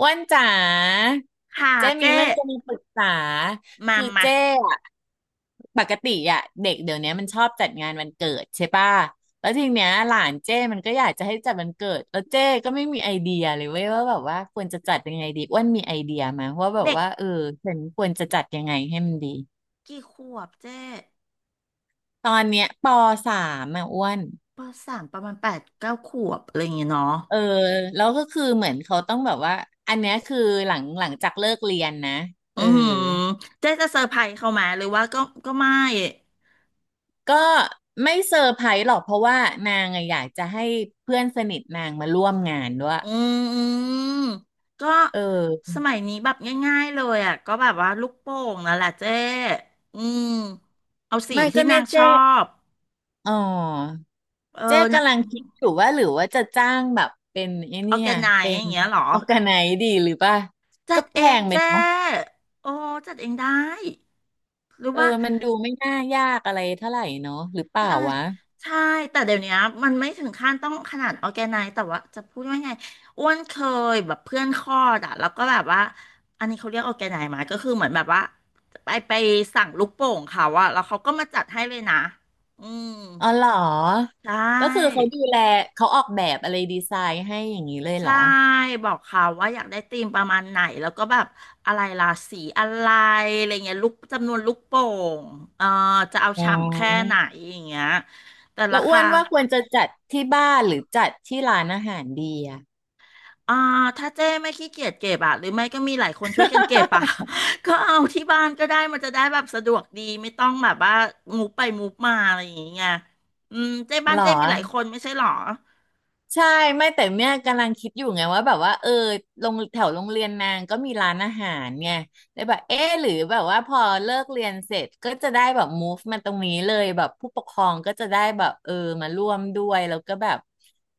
อ้วนจ๋าค่ะเจ้มีเจ๊เรื่องจะมาปรึกษามาคือมาเจ้อะปกติอะเด็กเดี๋ยวนี้มันชอบจัดงานวันเกิดใช่ป่ะแล้วทีเนี้ยหลานเจ้มันก็อยากจะให้จัดวันเกิดแล้วเจ้ก็ไม่มีไอเดียเลยเว้ยว่าแบบว่าควรจะจัดยังไงดีอ้วนมีไอเดียมาว่าแบบเด็กว่าเออฉันควรจะจัดยังไงให้มันดีกี่ขวบเจ๊ตอนเนี้ยปสามอะอ้วนปสามประมาณแปดเก้าขวบอะไรอย่างเงี้ยเนาะเออแล้วก็คือเหมือนเขาต้องแบบว่าอันเนี้ยคือหลังจากเลิกเรียนนะอืเออ มเจ๊จะเซอร์ไพรส์เขาไหมหรือว่าก็ก็ไม่ก็ไม่เซอร์ไพรส์หรอกเพราะว่านางอะอยากจะให้เพื่อนสนิทนางมาร่วมงานด้วยอืมก็เออสมัยนี้แบบง่ายๆเลยอ่ะก็แบบว่าลูกโป่งนั่นแหละเจ๊อืมเอาสีไม่ที่ก็นาเนี่ยงชเจ๊อบอ๋อเอเจ๊อนะกำลังคิดอยู่ว่าหรือว่าจะจ้างแบบเป็นไอ้ออเนี่ร์แกยไนซ์เป็อนย่างเงี้ยเหรอออร์แกไนดีหรือป่ะจัก็ดแพเองงไปเจ๊เนาะโอ้จัดเองได้หรือเออว่า มันดูไม่น่ายากอะไรเท่าไหร่เนาะหรือเปล่าใช่วะใช่แต่เดี๋ยวเนี้ยมันไม่ถึงขั้นต้องขนาดออร์แกไนซ์แต่ว่าจะพูดว่าไงอ้วนเคยแบบเพื่อนคลอดอะแล้วก็แบบว่าอันนี้เขาเรียกออร์แกไนซ์ไหมก็คือเหมือนแบบว่าไปสั่งลูกโป่งเขาอะแล้วเขาก็มาจัดให้เลยนะอืมอ๋อเหรอใช่ก็คือเขาดูแลเขาออกแบบอะไรดีไซน์ให้อย่างนี้เลยเหรใช่อบอกเขาว่าอยากได้ธีมประมาณไหนแล้วก็แบบอะไรราศีอะไรอะไรเงี้ยลูกจำนวนลูกโป่งเอ่อจะเอาอ๋อ ฉ่ำแค่ไหนอย่างเงี้ยแต่ราแล้วอ้วคา นว่าควรจะจัดที่บ้านหรือจัดที่ร้านอาหารดีอะอ่าถ้าเจ้ไม่ขี้เกียจเก็บอะหรือไม่ก็มีหลายคนช่วยกันเก็บอะ ก็เอาที่บ้านก็ได้มันจะได้แบบสะดวกดีไม่ต้องแบบว่ามูฟไปมูฟมาอะไรอย่างเงี้ยอืมเจ้บ้าหรนอเจ้มีหลายคนไม่ใช่หรอใช่ไม่แต่เมี่ยกำลังคิดอยู่ไงว่าแบบว่าเออโรงแถวโรงเรียนนางก็มีร้านอาหารไงเลยแบบเอ๊ะหรือแบบว่าพอเลิกเรียนเสร็จก็จะได้แบบ move มาตรงนี้เลยแบบผู้ปกครองก็จะได้แบบเออมาร่วมด้วยแล้วก็แบบ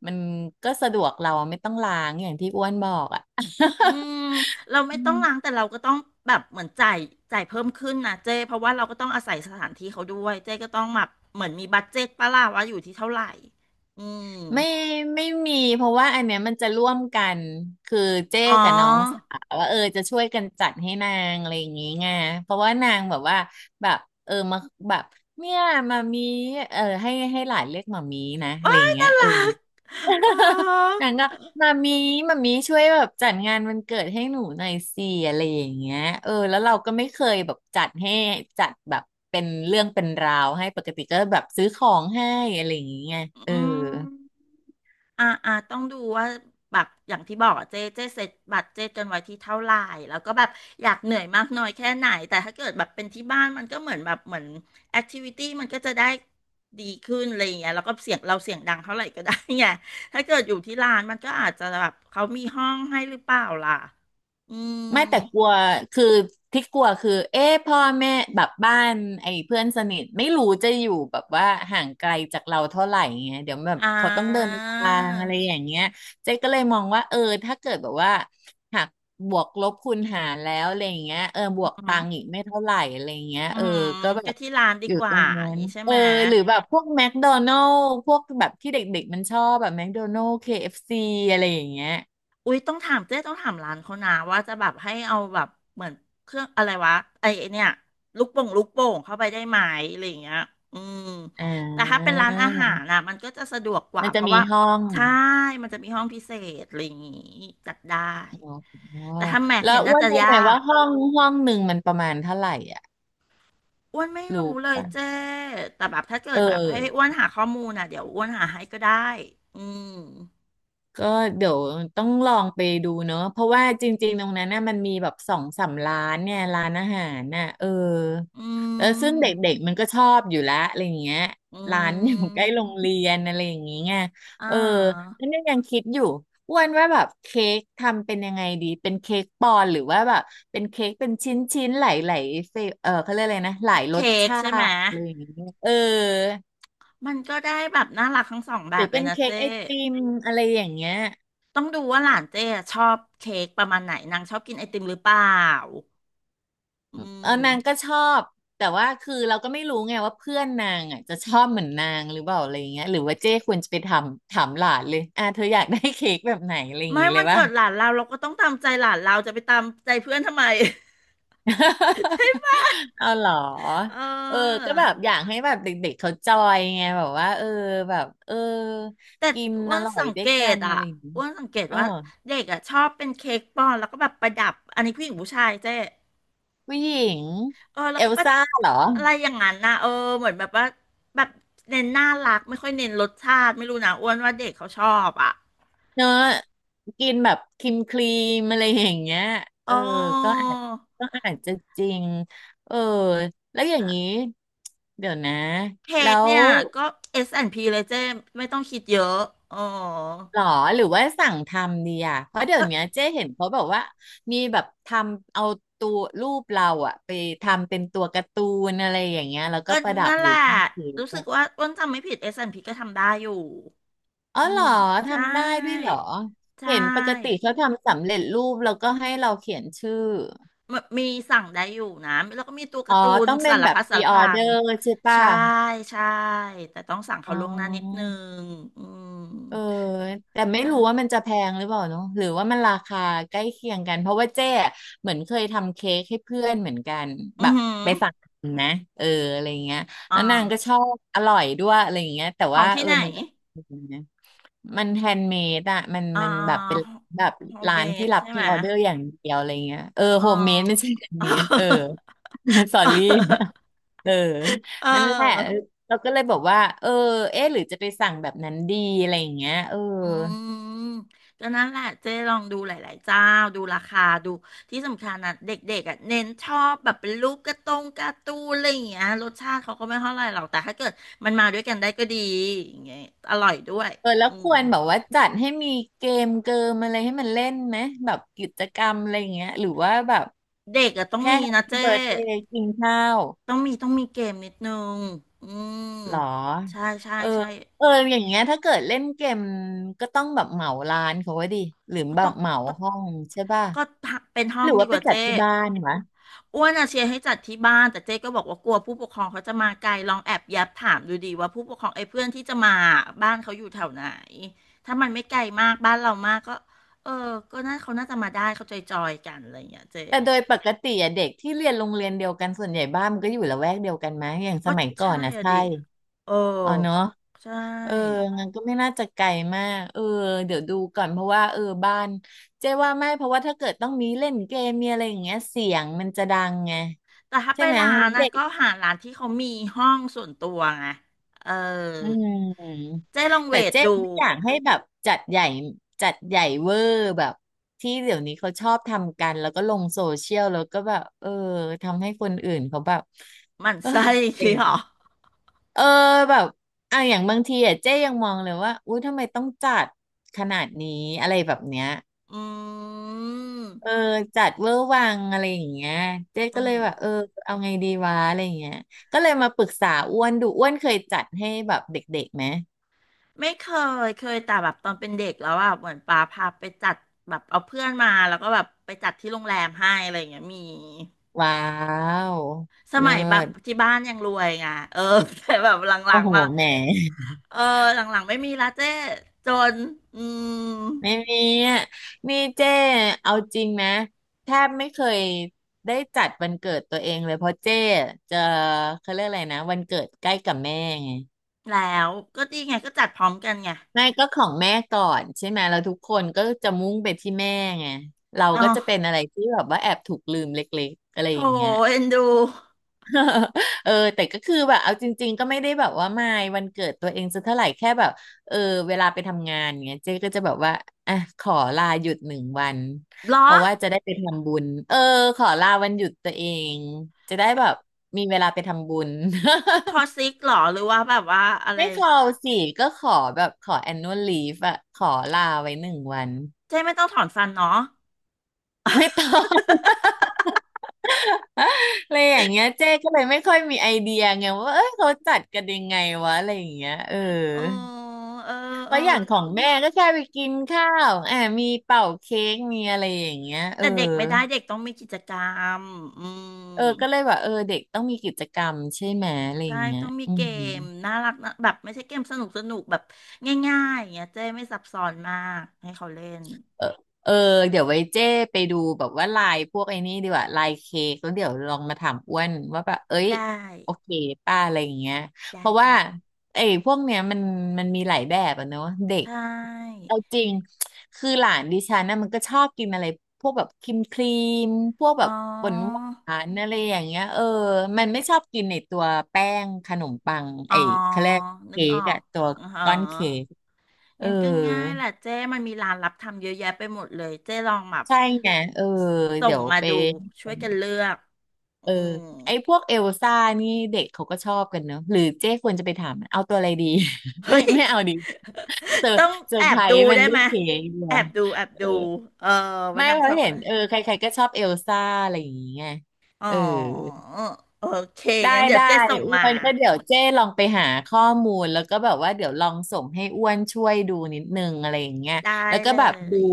มันก็สะดวกเราไม่ต้องล้างอย่างที่อ้วนบอกอะ อืมเรา ไม่อืต้องล้างม แต่เราก็ต้องแบบเหมือนจ่ายเพิ่มขึ้นนะเจ้เพราะว่าเราก็ต้องอาศัยสถานที่เขาด้วยเจ้ก็ต้องแบบเหมือนมีบัดเจ็ตปะล่ะว่าอยู่ที่เท่าไหร่อืมไม่ไม่มีเพราะว่าอันเนี้ยมันจะร่วมกันคือเจ๊อ๋กับน้องสาอวว่าเออจะช่วยกันจัดให้นางอะไรอย่างงี้ไงเพราะว่านางแบบว่าแบบเออมาแบบเนี่ยมามีเออให้ให้หลานเรียกมามีนะอะไรว้าอย่ายงเงี้น่ายเอรัอ กอ๋อ นางก็มามีมามีช่วยแบบจัดงานวันเกิดให้หนูหน่อยสิอะไรอย่างเงี้ยเออแล้วเราก็ไม่เคยแบบจัดให้จัดแบบเป็นเรื่องเป็นราวให้ปกติก็แบบซื้อของให้อะไรอย่างเงี้ยเออ อืม อ่าอ่าต้องดูว่าแบบอย่างที่บอกอะเจ๊เจ๊เสร็จบัตรเจ๊จนไว้ที่เท่าไหร่แล้วก็แบบอยากเหนื่อยมากน้อยแค่ไหนแต่ถ้าเกิดแบบเป็นที่บ้านมันก็เหมือนแบบเหมือนแอคทิวิตี้มันก็จะได้ดีขึ้นอะไรอย่างเงี้ยแล้วก็เสียงเราเสียงดังเท่าไหร่ก็ได้ไงถ้าเกิดอยู่ที่ร้านมันก็อาจจะแบบเขามีห้องให้หรือเปล่าล่ะอืมไม่แต่กลัวคือที่กลัวคือ เอ๊ะพ่อแม่แบบบ้านไอ้เพื่อนสนิทไม่รู้จะอยู่แบบว่าห่างไกลจากเราเท่าไหร่เงี้ยเดี๋ยวแบบอ่เขาต้องเดินาทางอะไรอย่างเงี้ยเจ๊ก็เลยมองว่าเออถ้าเกิดแบบว่าหักบวกลบคูณหารแล้วอะไรอย่างเงี้ยเออบอืวกตังค์อีมกไม่เท่าไหร่อะไรอย่างเงี้ยอืเออมก็แบก็บที่ร้านดีอยู่กตรว่างอนั้ย่างนนี้ใช่เอไหอม หรือแบบพวกแมคโดนัลล์พวกแบบที่เด็กๆมันชอบแบบแมคโดนัลล์ KFC อฟซีอะไรอย่างเงี้ยอุ๊ยต้องถามเจ๊ต้องถามร้านเขานะว่าจะแบบให้เอาแบบเหมือนเครื่องอะไรวะไอไอ้เนี่ยลูกโป่งเข้าไปได้ไหมอะไรอย่างเงี้ยอืมอ่แต่ถ้าเป็นร้านอาหาา รน่ะมันก็จะสะดวกกว่ามันเพจะราะมีว่าห้องใช่มันจะมีห้องพิเศษอะไรอย่างงี้จัดได้อ๋อแต่ถ้าแม็กแล้วเนี่ยอ้น่าวนจะรู้ไหมยาว่ากห้องหนึ่งมันประมาณเท่าไหร่อ่ะอ้วนไม่รู้รู้เลยป่ะเจ๊แต่แบบถ้าเกิเอดแบบอ ให้อ้วนหาข้อมูลน่ะเดี๋ยวอ้วนหาให้ก็ได้อืมก็เดี๋ยวต้องลองไปดูเนอะ เพราะว่าจริงๆตรงนั้นน่ะมันมีแบบสองสามร้านเนี่ยร้านอาหารน่ะเอออืแล้วซึ่งเดม็กๆมันก็ชอบอยู่และอะไรอย่างเงี้ยอืร้านอยู่ ใกล้มโรงเรียนอะไรอย่างเงี้ยอ่เออา แล้วเนี่ยยังคิดอยู่อ้วนว่าแบบเค้กทำเป็นยังไงดีเป็นเค้กปอนด์หรือว่าแบบเป็นเค้กเป็นชิ้นๆหลายๆเฟเออเขาเรียกอะไรนะหลายรสเค้กชาใช่ไหมติอะไรอย่างเงี้ยเออมันก็ได้แบบน่ารักทั้งสองแบหรืบอเลเป็ยนนะเค้กเจ้ไอติมอะไรอย่างเงี้ย ต้องดูว่าหลานเจ้อะชอบเค้กประมาณไหนนางชอบกินไอติมหรือเปล่าเออือนางก็มชอบแต่ว่าคือเราก็ไม่รู้ไงว่าเพื่อนนางอ่ะจะชอบเหมือนนางหรือเปล่าอะไรอย่างเงี้ยหรือว่าเจ้ควรจะไปทำถามหลานเลยอ่ะเธออยากได้เค้กแบบไหนอะไรอย่างไม่งี้เลวัยนป่ะ เกิดหลานเราเราก็ต้องตามใจหลานเราจะไปตามใจเพื่อนทำไม เอาเหรอ เเออออก็แบบอยากให้แบบเด็กๆเขาจอยไงแบบว่าเออแบบเออแต่กินอ้อวนร่อยสังด้วเกยกัตนอ่ะอะไรอย่างงี้อ้วนสังเกตอ๋อว่าเด็กอ่ะชอบเป็นเค้กปอนแล้วก็แบบประดับอันนี้ผู้หญิงผู้ชายเจ้ ผู้หญิงเออแล้เอวก็ลแบบซ่าเหรอ อะไรอย่างนั้นนะเออเหมือนแบบว่าแบบเน้นน่ารักไม่ค่อยเน้นรสชาติไม่รู้นะอ้วนว่าเด็กเขาชอบอ่ะเนอะกินแบบครีมครีมอะไรอย่างเงี้ยเเออก็อออาจก็อาจจะจริงเออแล้วอย่างนี้เดี๋ยวนะเค้แล้กวเนี่ยก็ S&P เลยเจ้ไม่ต้องคิดเยอะเออหรอหรือว่าสั่งทำดีอ่ะเพราะเดี๋ยก็วเนี้ยเจ๊เห็นเขาแบบว่ามีแบบทำเอาตัวรูปเราอะไปทำเป็นตัวการ์ตูนอะไรอย่างเงี้ยแล้วก็ก็ประดับนั่นอแหยู่ละใต้เค้กรู้สึกอะว่าอ้วนจำไม่ผิด S&P ก็ทำได้อยู่อ๋ออืเหรมอใช่ทำได้ด้วยเหรอใชเห็นปกติ่ เขาทำสำเร็จรูปแล้วก็ให้เราเขียนชื่อ มมีสั่งได้อยู่นะแล้วก็มีตัวกาอ๋อ ร์ตูนต้องเป็สานรแบบ พัดสา pre รพัน order ใช่ป่ะใช่ใช่แต่ต้องสั่งอ๋เขาล่วงหน้านิดอ นึงอืมเออแต่ไม่ได้รู้ว่ามันจะแพงหรือเปล่าเนาะหรือว่ามันราคาใกล้เคียงกันเพราะว่าเจ๊อะเหมือนเคยทำเค้กให้เพื่อนเหมือนกันอืแบอบหือไปสั่งนะเอออะไรเงี้ยอ่าแล้วนางก็ชอบอร่อยด้วยอะไรเงี้ยแต่ขอว่างที่เออไหนมันก็นะมันแฮนด์เมดอะมันอ่มันแบบเป็นาแบบโฮมร้าเมนที่ดรับใช่พไหรีมออเดอร์อย่างเดียวอะไรเงี้ยเออโฮอ่า มเมดไม่ใช่ แฮนด์เมดเออ สอรี่เออ เออ นั่นแหละ เราก็เลยบอกว่าเออเอ๊ะหรือจะไปสั่งแบบนั้นดีอะไรอย่างเงี้ยเอออืมก็นั่นแหละเจ๊ลองดูหลายๆเจ้าดูราคาดูที่สำคัญนะเด็กๆอ่ะเน้นชอบแบบเป็นรูปการ์ตงการ์ตูนอะไรอย่างเงี้ยรสชาติเขาก็ไม่เท่าไหร่หรอกแต่ถ้าเกิดมันมาด้วยกันได้ก็ดีอย่างเงี้ยอร่อยด้วยเออแล้วอืคมวรแบบว่าจัดให้มีเกมเกิมอะไรให้มันเล่นไหมแบบกิจกรรมอะไรอย่างเงี้ยหรือว่าแบบเด็กอ่ะต้องแค่มีแฮปนะปี้เจ๊เบิร์ a เดย์กินข้าวต้องมีเกมนิดนึงอืมหรอใช่ใช่เออใช่ เอออย่างเงี้ยถ้าเกิดเล่นเกมก็ต้องแบบเหมาร้านเขาไว้ดิหรือก็แบต้อบงเหมาก็ห้องใช่ป่ะก็เป็นห้หองรือดีว่ากไปว่าจัดเจ๊ที่บ้านวะ อ้วนอะเชียร์ให้จัดที่บ้านแต่เจ๊ก็บอกว่ากลัวผู้ปกครองเขาจะมาไกลลองแอบแยับถามดูดีว่าผู้ปกครองไอ้เพื่อนที่จะมาบ้านเขาอยู่แถวไหนถ้ามันไม่ไกลมากบ้านเรามากก็เออก็น่าเขาน่าจะมาได้เขาจอยๆกันอะไรอย่างเงี้ยเจ๊แต่โดยปกติอะเด็กที่เรียนโรงเรียนเดียวกันส่วนใหญ่บ้านมันก็อยู่ละแวกเดียวกันมั้ยอย่างสก็มัยก่อใช่นนะอะใช่ดิเอออ๋อเนาะใชเออ่งั้นก็ไม่น่าจะไกลมากเออเดี๋ยวดูก่อนเพราะว่าเออบ้านเจ๊ว่าไม่เพราะว่าถ้าเกิดต้องมีเล่นเกมมีอะไรอย่างเงี้ยเสียงมันจะดังไงแต่ถ้าใช่ไปไหมร้านนะเด็ก ก็หาร้านที่เขามีห้องส่วนตัวไงเอออืมเจ๊ลองเวแต่ทเจ๊ดู ไม่อยากให้แบบจัดใหญ่จัดใหญ่เวอร์แบบที่เดี๋ยวนี้เขาชอบทำกันแล้วก็ลงโซเชียลแล้วก็แบบเออทำให้คนอื่นเขาแบบหมั่นเอยไส้อีกอะไยงเหรอเ้เออแบบอ่ะอย่างบางทีอ่ะเจ๊ยังมองเลยว่าอุ้ยทำไมต้องจัดขนาดนี้อะไรแบบเนี้ยอืเออมจัดเวอร์วังอะไรอย่างเงี้ยเจ๊อืก็เลยม แบบเออเอาไงดีวะอะไรอย่างเงี้ยก็เลยมาปรึกษาอ้วนดูอ้วนเคยจัดให้แบบเด็กๆไหม ไม่เคย เคยแต่แบบตอนเป็นเด็กแล้วอ่ะเหมือนป้าพาไปจัดแบบเอาเพื่อนมาแล้วก็แบบไปจัดที่โรงแรมให้อะไรอย่างเงี้ยมีว้าวสเลิมัยแบบศที่บ้านยังรวยไงเออ แต่แบบหลัโอ้งโหๆมาแหม เออหลังๆไม่มีละเจ้จนอืม ไม่มีอ่ะนี่เจ้เอาจริงนะแทบไม่เคยได้จัดวันเกิดตัวเองเลยเพราะเจ้จะเขาเรียกอะไรนะวันเกิดใกล้กับแม่ไงแล้วก็ดีไงก็จัดพร้อมกันไงไม่ก็ของแม่ก่อนใช่ไหมแล้วทุกคนก็จะมุ่งไปที่แม่ไงเราอ๋ก็จะเป็นออะไรที่แบบว่าแอบถูกลืมเล็กๆอะไรโถอย่างเงี้ย เอ็นดูเออแต่ก็คือแบบเอาจริงๆก็ไม่ได้แบบว่ามายวันเกิดตัวเองสักเท่าไหร่แค่แบบเออเวลาไปทำงานเงี้ยเจ๊ก็จะแบบว่าอ่ะขอลาหยุดหนึ่งวันเหรอเพราะว่าจะได้ไปทำบุญเออขอลาวันหยุดตัวเองจะได้แบบมีเวลาไปทำบุญ คอ ซิกเหรอหรือว่าแบบว่าอะไรไม่ขอสิก็ขอแบบขอ annual leave อะขอลาไว้หนึ่งวันเจ๊ไม่ต้องถอนฟันเนาะ ไม่ต้อง อะไรอย่างเงี้ยเจ๊ก็เลยไม่ค่อยมีไอเดียไงว่าเอ้ยเขาจัดกันยังไงวะอะไรอย่างเงี้ยเออ อ๋อเออเออว่าะอย่างของแม่ก็แค่ไปกินข้าวอ่ามีเป่าเค้กมีอะไรอย่างเงี้ยเอแต่อเด็กไม่ได้เด็กต้องมีกิจกรรมอืมเออ ก็เลยแบบเออเด็กต้องมีกิจกรรมใช่ไหม อะไรอใช่ย่างเงี้ยต้องมีอืเกม มน่ารักนะแบบไม่ใช่เกมสนุกสนุกแบบง่ายๆอย่างเงี้ยเจ๊ไม่ซับซ้อนมากให้เขาเล่นเออเออ เดี๋ยวไว้เจ้ไปดูแบบว่าลายพวกไอ้นี่ดีกว่าลายเค้กแล้วเดี๋ยวลองมาถามอ้วนว่าแบบเอ้ยได้โอเคป้าอะไรอย่างเงี้ยเพได้ราะว่าได้เลยไอ้พวกเนี้ยมันมีหลายแบบอะเนอะเด็กใช่เอาจริงคือหลานดิฉันนะมันก็ชอบกินอะไรพวกแบบครีมครีมพวกแบอ๋อบหวานหวานอะไรอย่างเงี้ยเออมันไม่ชอบกินในตัวแป้งขนมปังอ๋อไอ้เขาเรียกนึกเค้ออกกอะตัวอ๋ก้อนเค้อกเออ งั้นก็ง่ายแหละเจ๊มันมีร้านรับทำเยอะแยะไปหมดเลยเจ๊ลองแบบใช่ไงเออสส่เดี๋งยวมาไปดูช่วยกันเลือกอืเออม ไอ้พวกเอลซ่านี่เด็กเขาก็ชอบกันเนอะหรือเจ๊ควรจะไปถามมันเอาตัวอะไรดี ไม่เฮ้ย ไม่เอาดีเซอร์ต้องเซอแอร์ไพบรดูส์มันได้ด้วไหมยเค้กเหรอแอบดูแอบเอดูอเออวันไม่นังเพชราะอบเห็อะนไร เออใครๆก็ชอบเอลซ่าอะไรอย่างเงี้ยอ๋อเออ โอเคได้งั้นเดี๋ยวได้เจ๊ส่งอ้มา วนก็เดี๋ยวเจ้ลองไปหาข้อมูลแล้วก็แบบว่าเดี๋ยวลองส่งให้อ้วนช่วยดูนิดนึงอะไรอย่างเงี้ยได้แล้วก็เลแบบดูย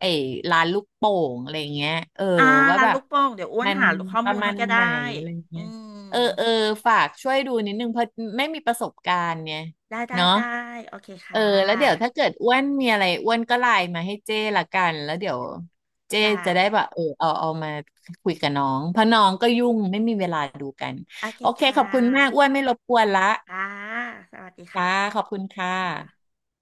ไอ้ร้านลูกโป่งอะไรอย่างเงี้ยเอออ่าว่าร้านแบลูบกโป่งเดี๋ยวอ้วนมันหาข้อปมูระลมาให้ณก็ได้ไหนอะไรอย่างอืเงี้ยมเออเออฝากช่วยดูนิดนึงเพราะไม่มีประสบการณ์เนี่ยได้เนาะได้ โอเคเออค่แล้วเดี๋ยวถ้าะเกิดอ้วนมีอะไรอ้วนก็ไลน์มาให้เจ้ละกันแล้วเดี๋ยวเจ้ได้จะได้แบบเออเอามาคุยกับน้องเพราะน้องก็ยุ่งไม่มีเวลาดูกัน โอเคโอเคค่ะขอบคุณมากอ้วนไม่รบกวนละค่ะสวัสดีค่ะจ้าขอบคุณค่ะค่ะ